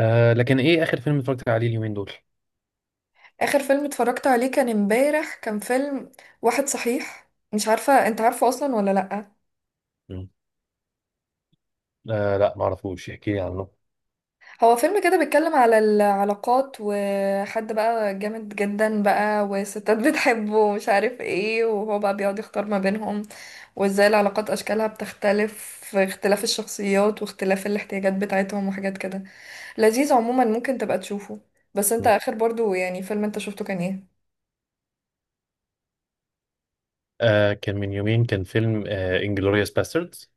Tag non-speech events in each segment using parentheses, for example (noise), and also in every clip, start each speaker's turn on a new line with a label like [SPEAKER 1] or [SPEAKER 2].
[SPEAKER 1] لكن ايه اخر فيلم اتفرجت عليه اليومين دول؟
[SPEAKER 2] اخر فيلم اتفرجت عليه كان امبارح. كان فيلم واحد، صحيح مش عارفة انت عارفه اصلا ولا لأ.
[SPEAKER 1] مم. لا، ما اعرفوش، احكي لي عنه.
[SPEAKER 2] هو فيلم كده بيتكلم على العلاقات، وحد بقى جامد جدا بقى وستات بتحبه ومش عارف ايه، وهو بقى بيقعد يختار ما بينهم وازاي العلاقات اشكالها بتختلف في اختلاف الشخصيات واختلاف الاحتياجات بتاعتهم وحاجات كده. لذيذ عموما، ممكن تبقى تشوفه. بس انت
[SPEAKER 1] مم.
[SPEAKER 2] اخر برضو يعني فيلم انت شفته كان ايه؟
[SPEAKER 1] كان من يومين، كان فيلم انجلوريوس باستردز.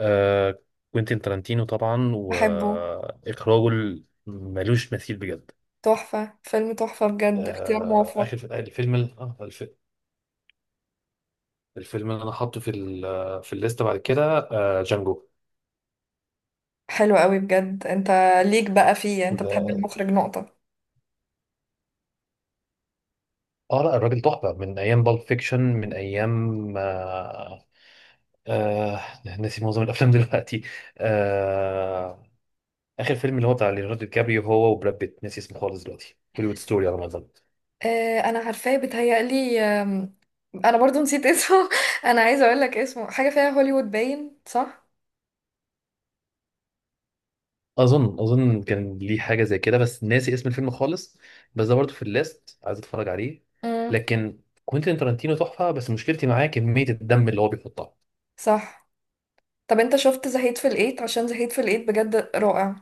[SPEAKER 1] آه كوينتين ترانتينو طبعا،
[SPEAKER 2] بحبه.
[SPEAKER 1] واخراجه ملوش مثيل بجد.
[SPEAKER 2] تحفة، فيلم تحفة بجد، اختيار
[SPEAKER 1] آه اخر
[SPEAKER 2] موفق.
[SPEAKER 1] ف- الفيلم ال- آه الف- الفيلم اللي انا حاطه في الليسته بعد كده جانجو.
[SPEAKER 2] حلو قوي بجد. انت ليك بقى فيه، انت بتحب
[SPEAKER 1] ده-
[SPEAKER 2] المخرج، نقطة.
[SPEAKER 1] اه لا، الراجل تحفه من ايام بالب فيكشن، من ايام آه ناسي معظم الافلام دلوقتي. آه اخر فيلم اللي هو بتاع ليوناردو دي كابريو، هو وبراد بيت، ناسي اسمه خالص دلوقتي، هوليوود ستوري على ما اظن.
[SPEAKER 2] اه انا عارفاه، بيتهيألي انا برضو نسيت اسمه. (laughs) انا عايزة اقول لك اسمه حاجة فيها هوليوود، باين صح.
[SPEAKER 1] اظن كان ليه حاجه زي كده، بس ناسي اسم الفيلم خالص. بس ده برضه في اللاست، عايز اتفرج عليه.
[SPEAKER 2] امم.
[SPEAKER 1] لكن كوينتين ترنتينو تحفه، بس مشكلتي معاه كميه الدم اللي هو بيحطها.
[SPEAKER 2] صح. طب انت شفت زهيد في الايت؟ عشان زهيد في الايت بجد رائع.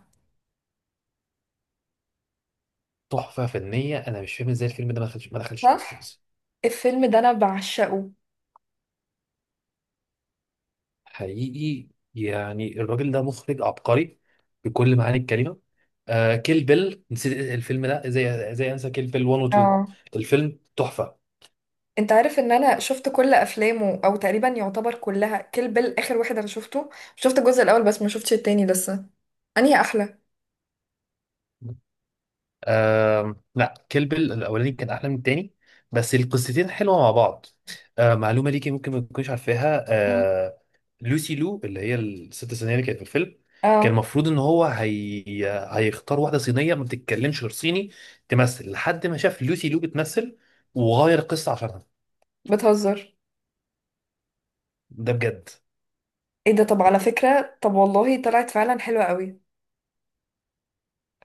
[SPEAKER 1] تحفه فنيه، انا مش فاهم ازاي الفيلم ده ما دخلش
[SPEAKER 2] صح.
[SPEAKER 1] الاوسكارز.
[SPEAKER 2] الفيلم ده انا بعشقه.
[SPEAKER 1] حقيقي، يعني الراجل ده مخرج عبقري بكل معاني الكلمه. كيل بيل، نسيت الفيلم ده ازاي، ازاي انسى كيل بيل 1 و 2؟
[SPEAKER 2] اه.
[SPEAKER 1] الفيلم تحفه.
[SPEAKER 2] انت عارف ان انا شفت كل افلامه او تقريبا يعتبر كلها، كل بال اخر واحد انا شفته. شفت الجزء الاول بس ما شفتش التاني لسه. انهي احلى؟
[SPEAKER 1] لا، كيل بيل الاولاني كان احلى من التاني، بس القصتين حلوه مع بعض. معلومه ليكي ممكن ما تكونيش عارفاها
[SPEAKER 2] مم.
[SPEAKER 1] لوسي لو، اللي هي الست صينيه اللي كانت في الفيلم، كان
[SPEAKER 2] اه.
[SPEAKER 1] المفروض ان هيختار واحده صينيه ما بتتكلمش غير صيني تمثل، لحد ما شاف لوسي لو بتمثل وغير القصه عشانها،
[SPEAKER 2] بتهزر؟
[SPEAKER 1] ده بجد.
[SPEAKER 2] ايه ده؟ طب على فكرة، طب والله طلعت فعلا حلوة قوي.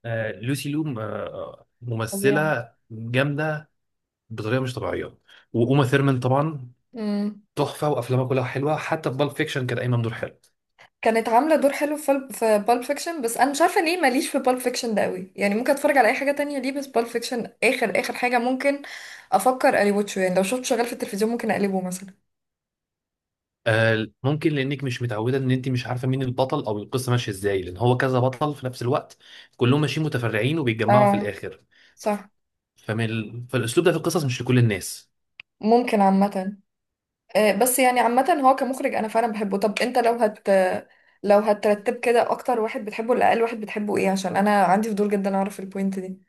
[SPEAKER 1] لوسي لو،
[SPEAKER 2] فظيعة.
[SPEAKER 1] ممثله جامده بطريقه مش طبيعيه. وأوما ثيرمان طبعا
[SPEAKER 2] امم.
[SPEAKER 1] تحفه، وافلامها كلها حلوه، حتى في بالب فيكشن كانت قايمه بدور حلو.
[SPEAKER 2] كانت عاملة دور حلو في في بالب فيكشن، بس انا مش عارفة ليه ماليش في بالب فيكشن ده قوي، يعني ممكن اتفرج على اي حاجة تانية ليه بس بالب فيكشن اخر اخر حاجة ممكن افكر الوتشه. يعني لو شفت شغال في التلفزيون ممكن اقلبه مثلا.
[SPEAKER 1] ممكن لانك مش متعوده ان انت مش عارفه مين البطل او القصه ماشيه ازاي، لان هو كذا بطل في نفس الوقت، كلهم ماشيين متفرعين وبيتجمعوا في
[SPEAKER 2] اه.
[SPEAKER 1] الاخر.
[SPEAKER 2] صح.
[SPEAKER 1] فالاسلوب ده في القصص مش لكل الناس.
[SPEAKER 2] ممكن عامة. بس يعني عامة هو كمخرج انا فعلا بحبه. طب انت لو هت، لو هترتب كده اكتر واحد بتحبه ولا اقل واحد بتحبه ايه؟ عشان انا عندي فضول جدا اعرف البوينت دي.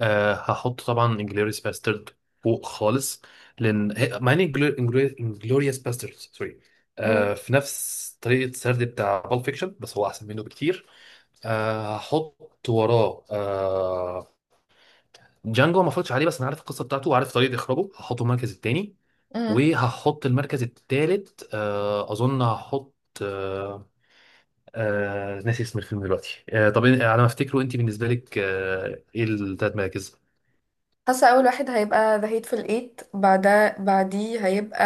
[SPEAKER 1] هحط طبعا انجلوريوس باسترد فوق خالص، مع ان انجلوريوس باسترد، سوري، في نفس طريقه السرد بتاع بول فيكشن، بس هو احسن منه بكتير. هحط وراه جانجو. ما اتفرجتش عليه، بس انا عارف القصه بتاعته وعارف طريقه اخراجه، هحطه المركز الثاني.
[SPEAKER 2] امم.
[SPEAKER 1] وهحط المركز الثالث اظن هحط آه ناسي اسم الفيلم دلوقتي. طب على ما افتكره، انت بالنسبه لك، ايه الثلاث مراكز؟
[SPEAKER 2] حاسة أول واحد هيبقى The Hateful Eight، بعدها بعديه هيبقى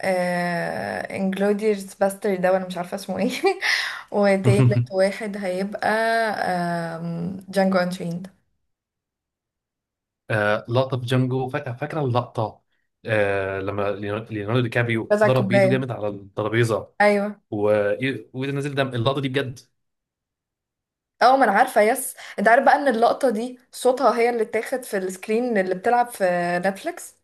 [SPEAKER 2] Inglourious Bastard، ده وأنا مش عارفة اسمه ايه. (laughs) وتالت
[SPEAKER 1] (laughs)
[SPEAKER 2] واحد هيبقى Django Unchained.
[SPEAKER 1] لقطه في جانجو فاكره، فاكره اللقطه، لما ليوناردو دي كابريو
[SPEAKER 2] بس على
[SPEAKER 1] ضرب بايده
[SPEAKER 2] الكوباية.
[SPEAKER 1] جامد على الترابيزه
[SPEAKER 2] أيوه.
[SPEAKER 1] و- وايده نزل دم، اللقطه دي بجد.
[SPEAKER 2] اه ما انا عارفة، يس. انت عارف بقى ان اللقطة دي صوتها هي اللي اتاخد في السكرين اللي بتلعب في نتفليكس.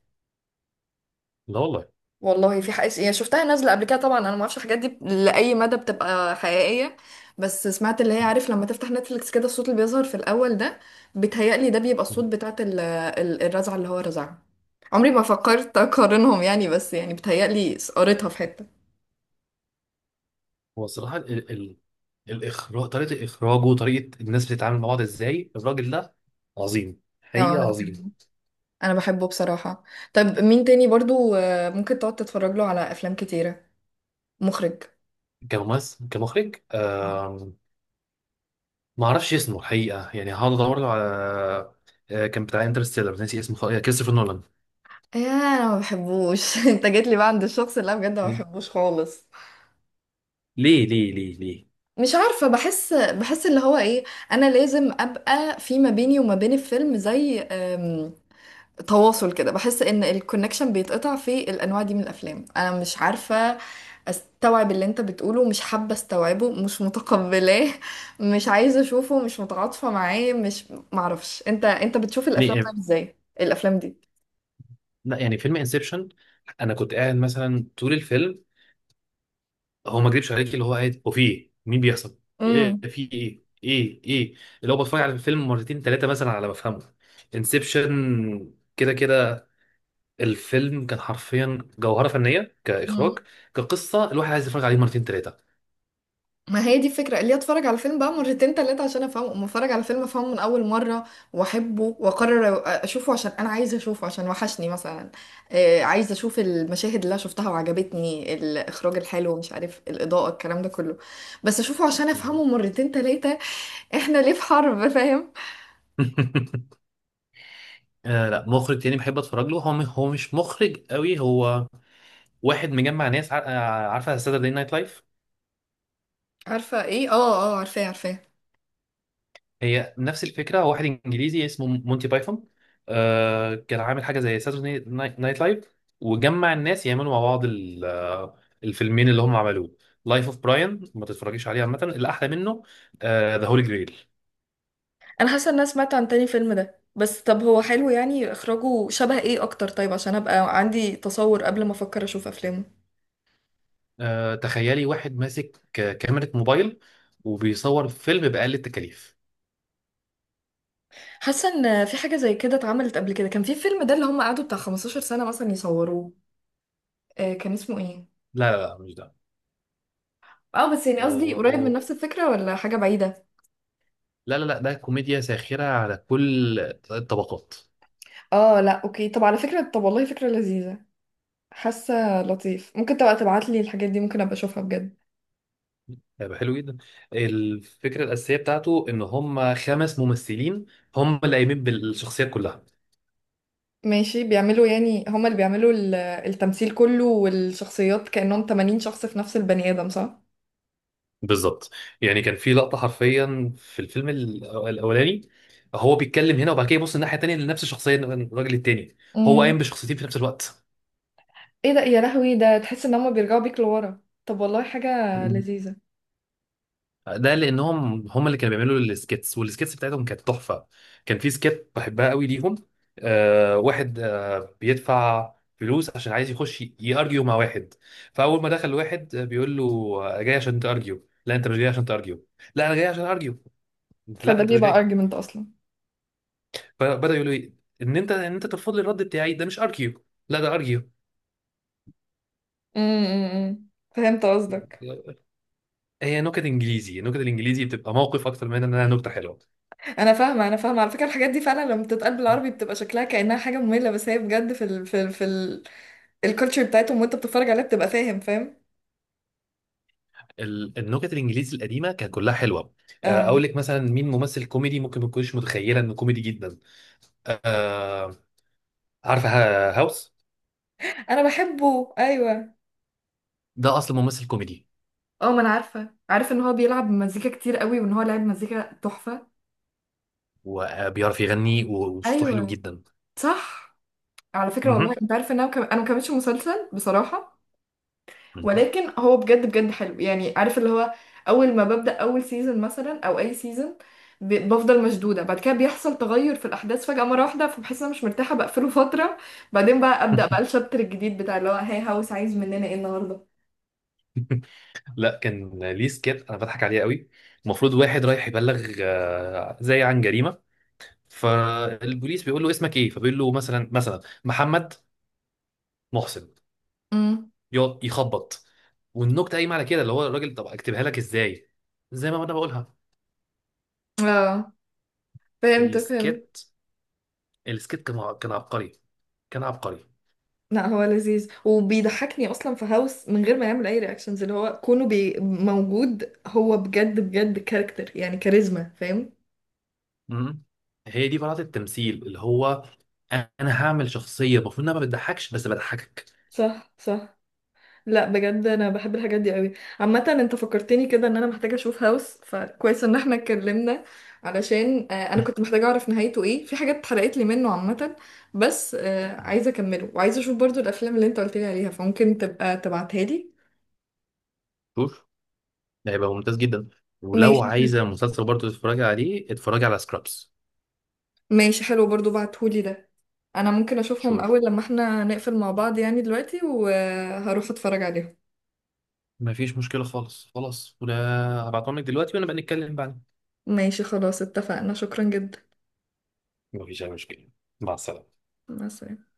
[SPEAKER 1] لا والله.
[SPEAKER 2] والله في حقيقة، يعني شفتها نازلة قبل كده، طبعا انا ما اعرفش الحاجات دي لأي مدى بتبقى حقيقية. بس سمعت اللي هي، عارف لما تفتح نتفليكس كده الصوت اللي بيظهر في الأول ده، بيتهيألي ده بيبقى الصوت بتاعت الرزعة اللي هو رزعها. عمري ما فكرت أقارنهم يعني، بس يعني بيتهيألي قريتها في حتة.
[SPEAKER 1] هو الصراحة الإخراج، طريقة إخراجه وطريقة الناس بتتعامل مع بعض إزاي، الراجل ده عظيم،
[SPEAKER 2] اه
[SPEAKER 1] حقيقة
[SPEAKER 2] انا
[SPEAKER 1] عظيم.
[SPEAKER 2] بحبه. انا بحبه بصراحة. طب مين تاني برضو ممكن تقعد تتفرج له على افلام كتيرة، مخرج؟
[SPEAKER 1] كممثل، كمخرج
[SPEAKER 2] آه.
[SPEAKER 1] آم... ما أعرفش اسمه الحقيقة، يعني هقعد أدور له على كان بتاع انترستيلر، ناسي اسمه كريستوفر نولان.
[SPEAKER 2] يا انا ما بحبوش. (laughs) انت جيت لي بقى عند الشخص اللي انا بجد ما
[SPEAKER 1] مين؟
[SPEAKER 2] بحبوش خالص.
[SPEAKER 1] ليه؟
[SPEAKER 2] مش عارفة، بحس، بحس اللي هو ايه. انا لازم ابقى في ما بيني وما بين الفيلم زي تواصل كده. بحس ان الكونكشن بيتقطع في الانواع دي من الافلام. انا مش عارفة استوعب اللي انت بتقوله، مش حابة استوعبه، مش متقبلاه، مش عايزة اشوفه، مش متعاطفة معاه، مش معرفش. انت بتشوف الافلام
[SPEAKER 1] ليه؟
[SPEAKER 2] طيب؟ ازاي الافلام دي؟
[SPEAKER 1] لا، يعني فيلم انسبشن، أنا كنت قاعد مثلا طول الفيلم، هو ما اكذبش عليك، اللي هو قاعد وفي ايه، مين بيحصل ايه،
[SPEAKER 2] امم.
[SPEAKER 1] في ايه ايه. اللي هو بتفرج على الفيلم مرتين ثلاثه مثلا على ما افهمه. انسبشن كده كده الفيلم كان حرفيا جوهره فنيه كاخراج، كقصه، الواحد عايز يتفرج عليه مرتين ثلاثه.
[SPEAKER 2] ما هي دي الفكرة، اللي اتفرج على فيلم بقى مرتين تلاتة عشان افهمه. اما اتفرج على فيلم افهمه من اول مرة واحبه واقرر اشوفه عشان انا عايزة اشوفه عشان وحشني مثلا، عايزة اشوف المشاهد اللي انا شفتها وعجبتني، الاخراج الحلو، مش عارف الاضاءة، الكلام ده كله. بس اشوفه عشان افهمه مرتين تلاتة، احنا ليه في حرب؟ فاهم.
[SPEAKER 1] (laughs) لا، مخرج تاني بحب اتفرج له، هو مش مخرج قوي، هو واحد مجمع ناس عارفه ساتردي نايت لايف؟
[SPEAKER 2] عارفة ايه؟ اه اه، عارفاه عارفاه.
[SPEAKER 1] هي نفس الفكره، واحد انجليزي اسمه مونتي بايثون، كان عامل حاجه زي ساتورday نايت لايف، وجمع الناس يعملوا مع بعض الفيلمين اللي هم عملوه. لايف اوف براين ما تتفرجيش عليه عامه، الاحلى منه ذا هولي جريل.
[SPEAKER 2] انا حاسه ان انا سمعت عن تاني فيلم ده، بس طب هو حلو؟ يعني اخراجه شبه ايه اكتر؟ طيب عشان ابقى عندي تصور قبل ما افكر اشوف افلامه.
[SPEAKER 1] تخيلي واحد ماسك كاميرا موبايل وبيصور فيلم بأقل التكاليف.
[SPEAKER 2] حاسه ان في حاجه زي كده اتعملت قبل كده، كان في فيلم ده اللي هم قعدوا بتاع 15 سنه مثلا يصوروه. آه كان اسمه ايه؟
[SPEAKER 1] لا لا لا، مش ده.
[SPEAKER 2] اه بس يعني
[SPEAKER 1] هو
[SPEAKER 2] قصدي قريب من
[SPEAKER 1] هو-
[SPEAKER 2] نفس الفكره ولا حاجه بعيده؟
[SPEAKER 1] لا لا لا، ده كوميديا ساخرة على كل الطبقات.
[SPEAKER 2] اه لا اوكي. طب على فكره، طب والله فكره لذيذه. حاسه لطيف، ممكن تبقى تبعت لي الحاجات دي، ممكن ابقى اشوفها بجد.
[SPEAKER 1] هيبقى حلو جدا. الفكره الاساسيه بتاعته ان هم خمس ممثلين هم اللي قايمين بالشخصيات كلها.
[SPEAKER 2] ماشي، بيعملوا يعني هم اللي بيعملوا التمثيل كله والشخصيات، كانهم 80 شخص في نفس البني ادم، صح.
[SPEAKER 1] بالظبط. يعني كان في لقطه حرفيا في الاولاني، هو بيتكلم هنا وبعد كده يبص الناحيه التانيه لنفس الشخصيه الراجل التاني، هو
[SPEAKER 2] امم.
[SPEAKER 1] قايم بشخصيتين في نفس الوقت.
[SPEAKER 2] ايه ده، يا لهوي، ده تحس ان هم بيرجعوا بيك لورا. طب والله حاجه لذيذه.
[SPEAKER 1] ده لانهم هم اللي كانوا بيعملوا السكيتس، والسكيتس بتاعتهم كانت تحفه. كان في سكيت بحبها قوي ليهم، واحد بيدفع فلوس عشان عايز يخش يارجيو مع واحد، فاول ما دخل واحد بيقول له جاي عشان تارجيو؟ لا، انت مش جاي عشان تارجيو. لا، انا جاي عشان ارجيو. لا،
[SPEAKER 2] فده
[SPEAKER 1] انت مش
[SPEAKER 2] بيبقى
[SPEAKER 1] جاي.
[SPEAKER 2] ارجيومنت اصلا.
[SPEAKER 1] فبدا يقول له إيه؟ ان انت، ان انت ترفض لي الرد بتاعي، ده مش ارجيو. لا، ده ارجيو.
[SPEAKER 2] امم. فهمت قصدك.
[SPEAKER 1] هي نكت انجليزي، نكت الانجليزي بتبقى موقف اكتر من انها نكته حلوه.
[SPEAKER 2] انا فاهمه، انا فاهمه على فكره. الحاجات دي فعلا لما بتتقال بالعربي بتبقى شكلها كانها حاجه ممله، بس هي بجد في ال الكالتشر بتاعتهم، وانت بتتفرج عليها بتبقى فاهم فاهم.
[SPEAKER 1] النكت الانجليزي القديمه كانت كلها حلوه.
[SPEAKER 2] اه
[SPEAKER 1] اقول لك مثلا مين ممثل كوميدي ممكن ما تكونش متخيله انه كوميدي جدا؟ آه، عارفه هاوس؟
[SPEAKER 2] انا بحبه ايوه.
[SPEAKER 1] ده اصلا ممثل كوميدي.
[SPEAKER 2] اه ما انا عارفه، عارفه ان هو بيلعب مزيكا كتير قوي وان هو لاعب مزيكا تحفه.
[SPEAKER 1] وبيعرف يغني وصوته حلو
[SPEAKER 2] ايوه.
[SPEAKER 1] جدا.
[SPEAKER 2] صح. على فكره، والله
[SPEAKER 1] مهم.
[SPEAKER 2] انت عارفه ان انا انا ما كملتش المسلسل بصراحه.
[SPEAKER 1] مهم.
[SPEAKER 2] ولكن هو بجد بجد حلو. يعني عارف اللي هو اول ما ببدأ اول سيزون مثلا او اي سيزون بفضل مشدودة، بعد كده بيحصل تغير في الاحداث فجأة مرة واحدة، فبحس ان انا مش مرتاحة بقفله (laughs) فترة. بعدين بقى أبدأ بقى الشابتر الجديد بتاع اللي هو هاي، هاوس عايز مننا ايه النهاردة.
[SPEAKER 1] (laughs) لا كان ليه سكيت انا بضحك عليه قوي. المفروض واحد رايح يبلغ زي عن جريمه، فالبوليس بيقول له اسمك ايه، فبيقول له مثلا، مثلا محمد محسن.
[SPEAKER 2] امم.
[SPEAKER 1] يقعد يخبط. والنكته قايمه على كده، اللي هو الراجل طب اكتبها لك ازاي زي ما انا بقولها.
[SPEAKER 2] اه، فهمت فهمت.
[SPEAKER 1] السكيت، كان عبقري، كان عبقري.
[SPEAKER 2] لا هو لذيذ، وبيضحكني اصلا في هاوس من غير ما يعمل اي رياكشنز. اللي هو كونه بي موجود، هو بجد بجد كاركتر يعني كاريزما، فاهم.
[SPEAKER 1] مم. هي دي براءة التمثيل، اللي هو انا هعمل شخصيه المفروض انها ما بتضحكش بس بضحكك.
[SPEAKER 2] صح صح. لا بجد انا بحب الحاجات دي قوي. عامه انت فكرتني كده ان انا محتاجه اشوف هاوس، فكويس ان احنا اتكلمنا علشان انا كنت محتاجه اعرف نهايته ايه، في حاجات اتحرقت لي منه عامه. بس
[SPEAKER 1] مم.
[SPEAKER 2] عايزه اكمله وعايزه اشوف برضو الافلام اللي انت قلت لي عليها، فممكن تبقى تبعتها لي.
[SPEAKER 1] شوف، ده هيبقى ممتاز جدا. ولو
[SPEAKER 2] ماشي حلو.
[SPEAKER 1] عايزه مسلسل برضه تتفرجي عليه، اتفرجي على سكرابس.
[SPEAKER 2] ماشي حلو برضو، بعتهولي ده. انا ممكن اشوفهم
[SPEAKER 1] شوف،
[SPEAKER 2] اول لما احنا نقفل مع بعض يعني دلوقتي، وهروح اتفرج عليهم.
[SPEAKER 1] مفيش مشكله خالص خلاص ولا، هبعتهم لك دلوقتي وانا بقى نتكلم بعدين.
[SPEAKER 2] ماشي خلاص، اتفقنا، شكرا جدا.
[SPEAKER 1] مفيش اي مشكله. مع السلامه.
[SPEAKER 2] مع السلامه.